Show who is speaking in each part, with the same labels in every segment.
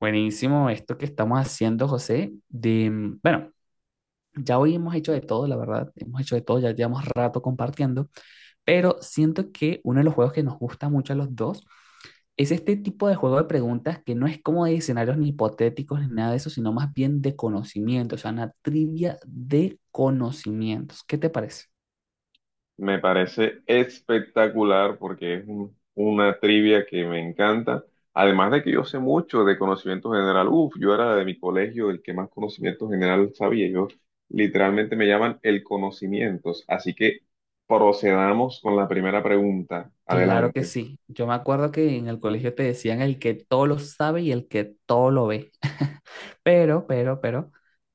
Speaker 1: Buenísimo esto que estamos haciendo, José. Bueno, ya hoy hemos hecho de todo, la verdad. Hemos hecho de todo, ya llevamos rato compartiendo, pero siento que uno de los juegos que nos gusta mucho a los dos es este tipo de juego de preguntas que no es como de escenarios ni hipotéticos ni nada de eso, sino más bien de conocimiento, o sea, una trivia de conocimientos. ¿Qué te parece?
Speaker 2: Me parece espectacular porque una trivia que me encanta. Además de que yo sé mucho de conocimiento general. Uf, yo era de mi colegio el que más conocimiento general sabía. Yo literalmente me llaman el conocimientos. Así que procedamos con la primera pregunta.
Speaker 1: Claro que
Speaker 2: Adelante.
Speaker 1: sí. Yo me acuerdo que en el colegio te decían el que todo lo sabe y el que todo lo ve. Pero,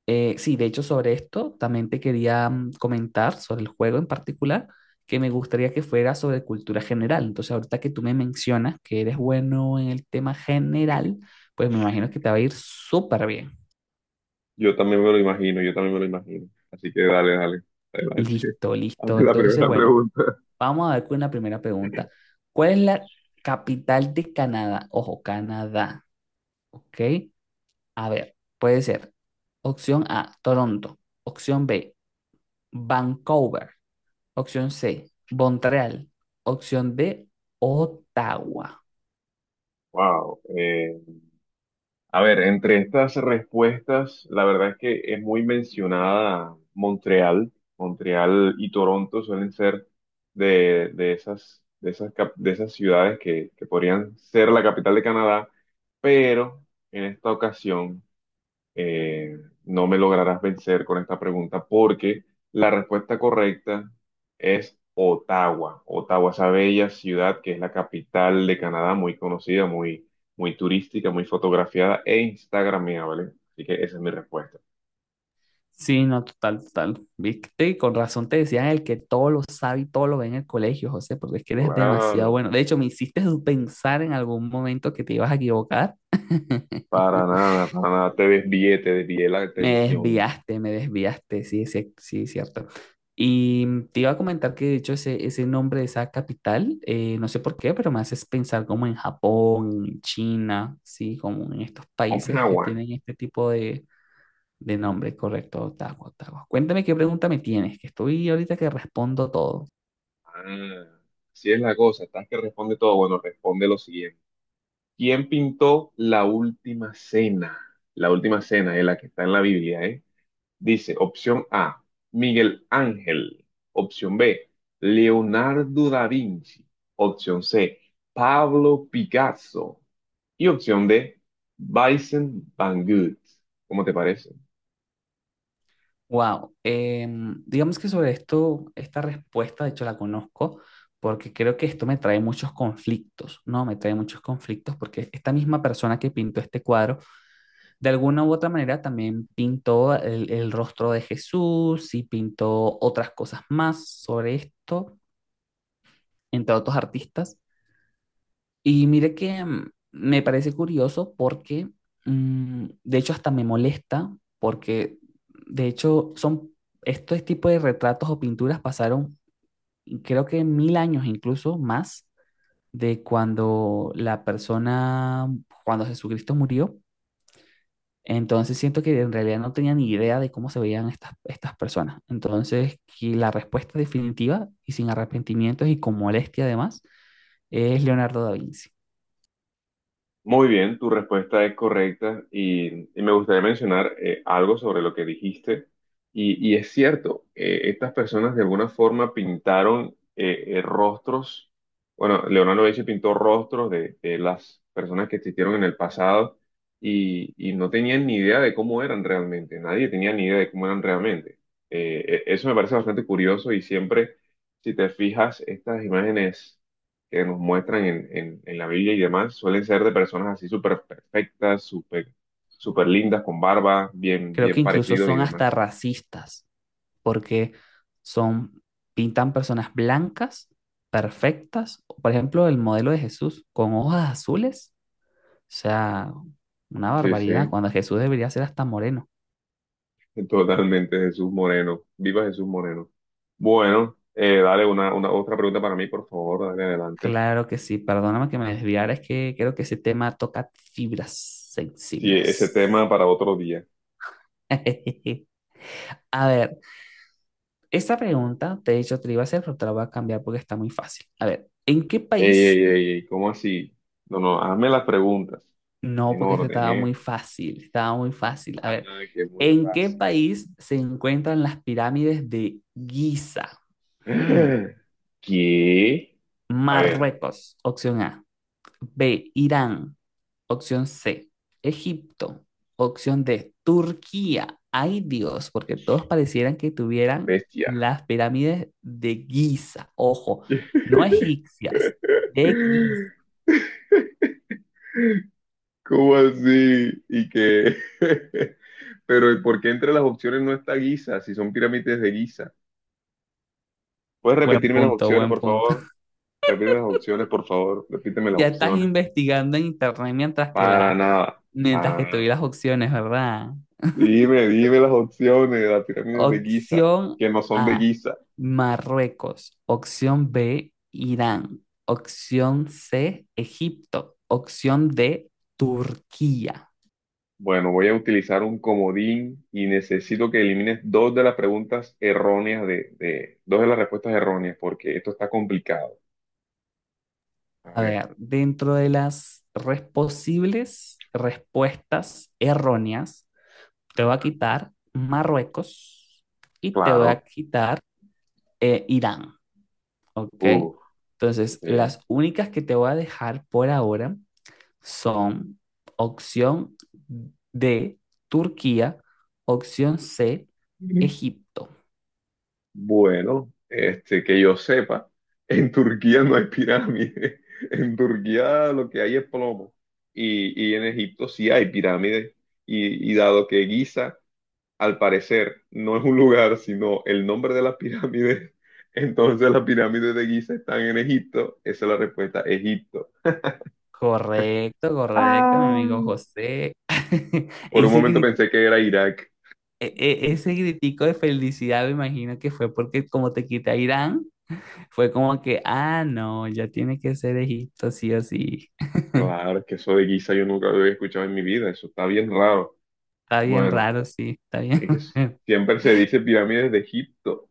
Speaker 1: sí, de hecho sobre esto también te quería comentar sobre el juego en particular, que me gustaría que fuera sobre cultura general. Entonces, ahorita que tú me mencionas que eres bueno en el tema general, pues me imagino que te va a ir súper bien.
Speaker 2: Yo también me lo imagino, yo también me lo imagino. Así que dale, dale. Adelante.
Speaker 1: Listo, listo.
Speaker 2: Hazme la
Speaker 1: Entonces,
Speaker 2: primera
Speaker 1: bueno,
Speaker 2: pregunta.
Speaker 1: vamos a ver con la primera pregunta. ¿Cuál es la capital de Canadá? Ojo, Canadá, ¿ok? A ver, puede ser opción A, Toronto; opción B, Vancouver; opción C, Montreal; opción D, Ottawa.
Speaker 2: Wow. A ver, entre estas respuestas, la verdad es que es muy mencionada Montreal. Montreal y Toronto suelen ser de esas ciudades que podrían ser la capital de Canadá, pero en esta ocasión eh, no me lograrás vencer con esta pregunta porque la respuesta correcta es Ottawa. Ottawa, esa bella ciudad que es la capital de Canadá, muy conocida, muy, muy turística, muy fotografiada e instagrameable. Así que esa es mi respuesta.
Speaker 1: Sí, no, total, total. Viste, y con razón te decían el que todo lo sabe y todo lo ve en el colegio, José, porque es que eres demasiado
Speaker 2: Claro,
Speaker 1: bueno. De hecho, me hiciste pensar en algún momento que te ibas a equivocar.
Speaker 2: para nada, para nada. Te desvié la atención.
Speaker 1: Me desviaste, sí, sí, es cierto. Y te iba a comentar que de hecho ese nombre de esa capital, no sé por qué, pero me haces pensar como en Japón, en China, sí, como en estos países que
Speaker 2: Ottawa.
Speaker 1: tienen este tipo de nombre, correcto, Ottawa, Ottawa. Cuéntame qué pregunta me tienes, que estoy ahorita que respondo todo.
Speaker 2: Ah, así es la cosa. Estás que responde todo. Bueno, responde lo siguiente. ¿Quién pintó la última cena? La última cena es la que está en la Biblia, ¿eh? Dice, opción A, Miguel Ángel. Opción B, Leonardo da Vinci. Opción C, Pablo Picasso. Y opción D, Vincent Van Gogh. ¿Cómo te parece?
Speaker 1: Wow, digamos que sobre esto, esta respuesta, de hecho la conozco, porque creo que esto me trae muchos conflictos, ¿no? Me trae muchos conflictos porque esta misma persona que pintó este cuadro, de alguna u otra manera también pintó el rostro de Jesús y pintó otras cosas más sobre esto, entre otros artistas. Y mire que me parece curioso porque, de hecho, hasta me molesta porque, de hecho, son estos tipos de retratos o pinturas pasaron, y creo que 1.000 años incluso más de cuando la persona, cuando Jesucristo murió. Entonces siento que en realidad no tenía ni idea de cómo se veían estas personas. Entonces, que la respuesta definitiva y sin arrepentimientos y con molestia además es Leonardo da Vinci.
Speaker 2: Muy bien, tu respuesta es correcta y me gustaría mencionar algo sobre lo que dijiste. Y es cierto, estas personas de alguna forma pintaron rostros, bueno, Leonardo da Vinci pintó rostros de las personas que existieron en el pasado y no tenían ni idea de cómo eran realmente, nadie tenía ni idea de cómo eran realmente. Eso me parece bastante curioso y siempre, si te fijas, estas imágenes que nos muestran en la Biblia y demás suelen ser de personas así súper perfectas, súper lindas, con barba, bien,
Speaker 1: Creo que
Speaker 2: bien
Speaker 1: incluso
Speaker 2: parecidos y
Speaker 1: son hasta
Speaker 2: demás.
Speaker 1: racistas, porque son, pintan personas blancas, perfectas. Por ejemplo, el modelo de Jesús con hojas azules. O sea, una
Speaker 2: Sí, sí,
Speaker 1: barbaridad, cuando Jesús debería ser hasta moreno.
Speaker 2: totalmente Jesús Moreno. Viva Jesús Moreno. Bueno, dale una otra pregunta para mí, por favor, dale adelante.
Speaker 1: Claro que sí, perdóname que me desviara, es que creo que ese tema toca fibras
Speaker 2: Sí, ese
Speaker 1: sensibles.
Speaker 2: tema para otro día.
Speaker 1: A ver, esta pregunta, de hecho, te la iba a hacer, pero te la voy a cambiar porque está muy fácil. A ver, ¿en qué
Speaker 2: Ey,
Speaker 1: país
Speaker 2: ey, ey, ey, ¿cómo así? No, no, hazme las preguntas
Speaker 1: No,
Speaker 2: en
Speaker 1: porque este
Speaker 2: orden,
Speaker 1: estaba muy
Speaker 2: ¿eh?
Speaker 1: fácil, estaba muy fácil. A
Speaker 2: Ah,
Speaker 1: ver,
Speaker 2: que muy
Speaker 1: ¿en qué
Speaker 2: fácil.
Speaker 1: país se encuentran las pirámides de Giza? Hmm,
Speaker 2: ¿Qué? A ver,
Speaker 1: Marruecos, opción A; B, Irán, opción C; Egipto, opción D; Turquía. Ay Dios, porque todos parecieran que tuvieran
Speaker 2: bestia.
Speaker 1: las pirámides de Giza. Ojo, no egipcias, de Giza.
Speaker 2: ¿Cómo así? Y que... Pero ¿y por qué entre las opciones no está Giza si son pirámides de Giza? ¿Puedes
Speaker 1: Buen
Speaker 2: repetirme las
Speaker 1: punto,
Speaker 2: opciones,
Speaker 1: buen
Speaker 2: por
Speaker 1: punto.
Speaker 2: favor? Repíteme las opciones, por favor. Repíteme las
Speaker 1: Ya estás
Speaker 2: opciones.
Speaker 1: investigando en internet mientras que
Speaker 2: Para
Speaker 1: la
Speaker 2: nada.
Speaker 1: Mientras
Speaker 2: Para
Speaker 1: que tuve
Speaker 2: nada.
Speaker 1: las opciones, ¿verdad?
Speaker 2: Dime las opciones de las pirámides de Giza,
Speaker 1: Opción
Speaker 2: que no son de
Speaker 1: A,
Speaker 2: Giza.
Speaker 1: Marruecos. Opción B, Irán. Opción C, Egipto. Opción D, Turquía.
Speaker 2: Bueno, voy a utilizar un comodín y necesito que elimines dos de las preguntas erróneas dos de las respuestas erróneas, porque esto está complicado. A
Speaker 1: A
Speaker 2: ver,
Speaker 1: ver, dentro de las res- posibles respuestas erróneas, te voy a
Speaker 2: ajá,
Speaker 1: quitar Marruecos y te voy a
Speaker 2: claro.
Speaker 1: quitar Irán, ¿ok?
Speaker 2: Uf,
Speaker 1: Entonces,
Speaker 2: ok.
Speaker 1: las únicas que te voy a dejar por ahora son opción D, Turquía, opción C,
Speaker 2: Ujú.
Speaker 1: Egipto.
Speaker 2: Bueno, este, que yo sepa, en Turquía no hay pirámides. En Turquía lo que hay es plomo. Y en Egipto sí hay pirámides. Y dado que Giza al parecer no es un lugar, sino el nombre de las pirámides. Entonces las pirámides de Giza están en Egipto. Esa es la respuesta, Egipto.
Speaker 1: Correcto, correcto, mi
Speaker 2: Ah.
Speaker 1: amigo José.
Speaker 2: Por un
Speaker 1: Ese,
Speaker 2: momento
Speaker 1: gri-
Speaker 2: pensé que era Irak.
Speaker 1: ese gritico de felicidad me imagino que fue porque como te quité a Irán, fue como que, ah, no, ya tiene que ser Egipto, sí o sí.
Speaker 2: Claro, que eso de Giza yo nunca lo había escuchado en mi vida. Eso está bien raro.
Speaker 1: Está bien
Speaker 2: Bueno,
Speaker 1: raro, sí, está bien.
Speaker 2: es que siempre se dice pirámides de Egipto.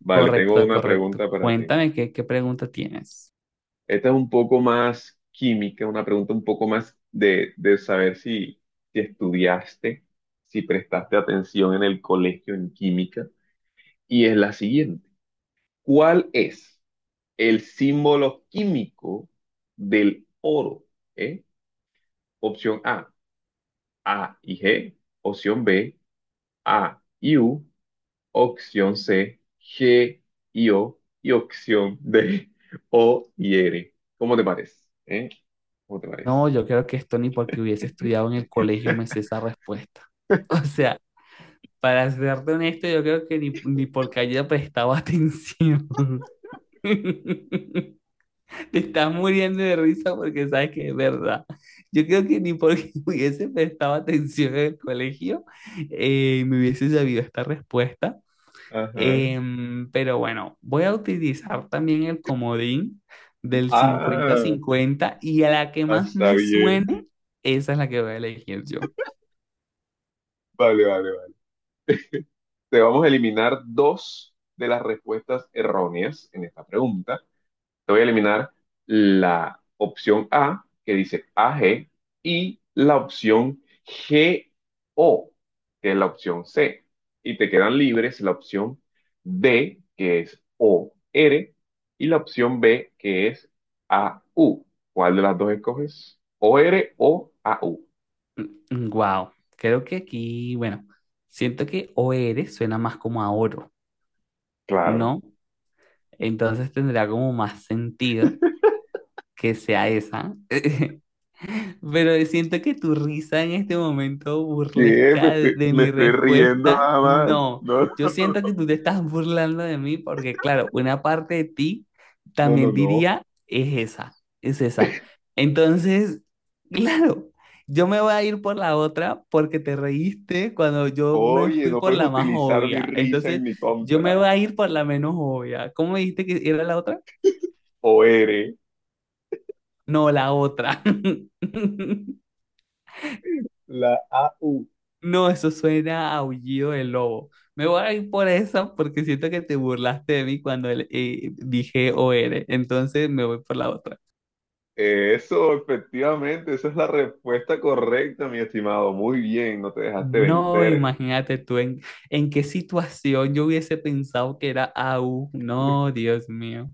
Speaker 2: Vale, tengo
Speaker 1: Correcto,
Speaker 2: una
Speaker 1: correcto.
Speaker 2: pregunta para ti.
Speaker 1: Cuéntame qué pregunta tienes.
Speaker 2: Esta es un poco más química, una pregunta un poco más de saber si, si estudiaste, si prestaste atención en el colegio en química. Y es la siguiente. ¿Cuál es el símbolo químico del oro? ¿Eh? Opción A, AG. Opción B, AU. Opción C, GO. Y opción D, OR. ¿Cómo te parece? ¿Eh? ¿Cómo te parece?
Speaker 1: No, yo creo que esto ni porque hubiese estudiado en el colegio me sé esa respuesta. O sea, para serte honesto, yo creo que ni porque haya prestado atención. Te estás muriendo de risa porque sabes que es verdad. Yo creo que ni porque hubiese prestado atención en el colegio me hubiese sabido esta respuesta.
Speaker 2: Ajá.
Speaker 1: Pero bueno, voy a utilizar también el comodín del 50
Speaker 2: Ah,
Speaker 1: cincuenta y a la que
Speaker 2: ah,
Speaker 1: más
Speaker 2: está
Speaker 1: me
Speaker 2: bien.
Speaker 1: suene, esa es la que voy a elegir yo.
Speaker 2: Vale, vale, vale. Te vamos a eliminar dos de las respuestas erróneas en esta pregunta. Te voy a eliminar la opción A, que dice AG y la opción GO, que es la opción C. Y te quedan libres la opción D, que es OR y la opción B, que es AU. ¿Cuál de las dos escoges? ¿OR o AU?
Speaker 1: Wow, creo que aquí, bueno, siento que o OR suena más como a oro,
Speaker 2: Claro.
Speaker 1: ¿no? Entonces tendrá como más sentido que sea esa. Pero siento que tu risa en este momento
Speaker 2: ¿Qué? Me
Speaker 1: burlesca de,
Speaker 2: estoy,
Speaker 1: de
Speaker 2: me
Speaker 1: mi
Speaker 2: estoy riendo
Speaker 1: respuesta,
Speaker 2: nada más.
Speaker 1: no.
Speaker 2: No,
Speaker 1: Yo siento que tú te estás burlando de mí porque, claro, una parte de ti
Speaker 2: no, no,
Speaker 1: también
Speaker 2: no.
Speaker 1: diría, es esa, es esa. Entonces, claro, yo me voy a ir por la otra porque te reíste cuando yo me
Speaker 2: Oye,
Speaker 1: fui
Speaker 2: no
Speaker 1: por
Speaker 2: puedes
Speaker 1: la más
Speaker 2: utilizar mi
Speaker 1: obvia.
Speaker 2: risa en
Speaker 1: Entonces,
Speaker 2: mi
Speaker 1: yo me
Speaker 2: contra.
Speaker 1: voy a ir por la menos obvia. ¿Cómo me dijiste que era la otra?
Speaker 2: O eres
Speaker 1: No, la otra.
Speaker 2: la AU.
Speaker 1: No, eso suena a aullido de lobo. Me voy a ir por eso porque siento que te burlaste de mí cuando dije OR. Entonces me voy por la otra.
Speaker 2: Eso, efectivamente, esa es la respuesta correcta, mi estimado. Muy bien, no te dejaste
Speaker 1: No,
Speaker 2: vencer.
Speaker 1: imagínate tú en qué situación yo hubiese pensado que era a u. No, Dios mío.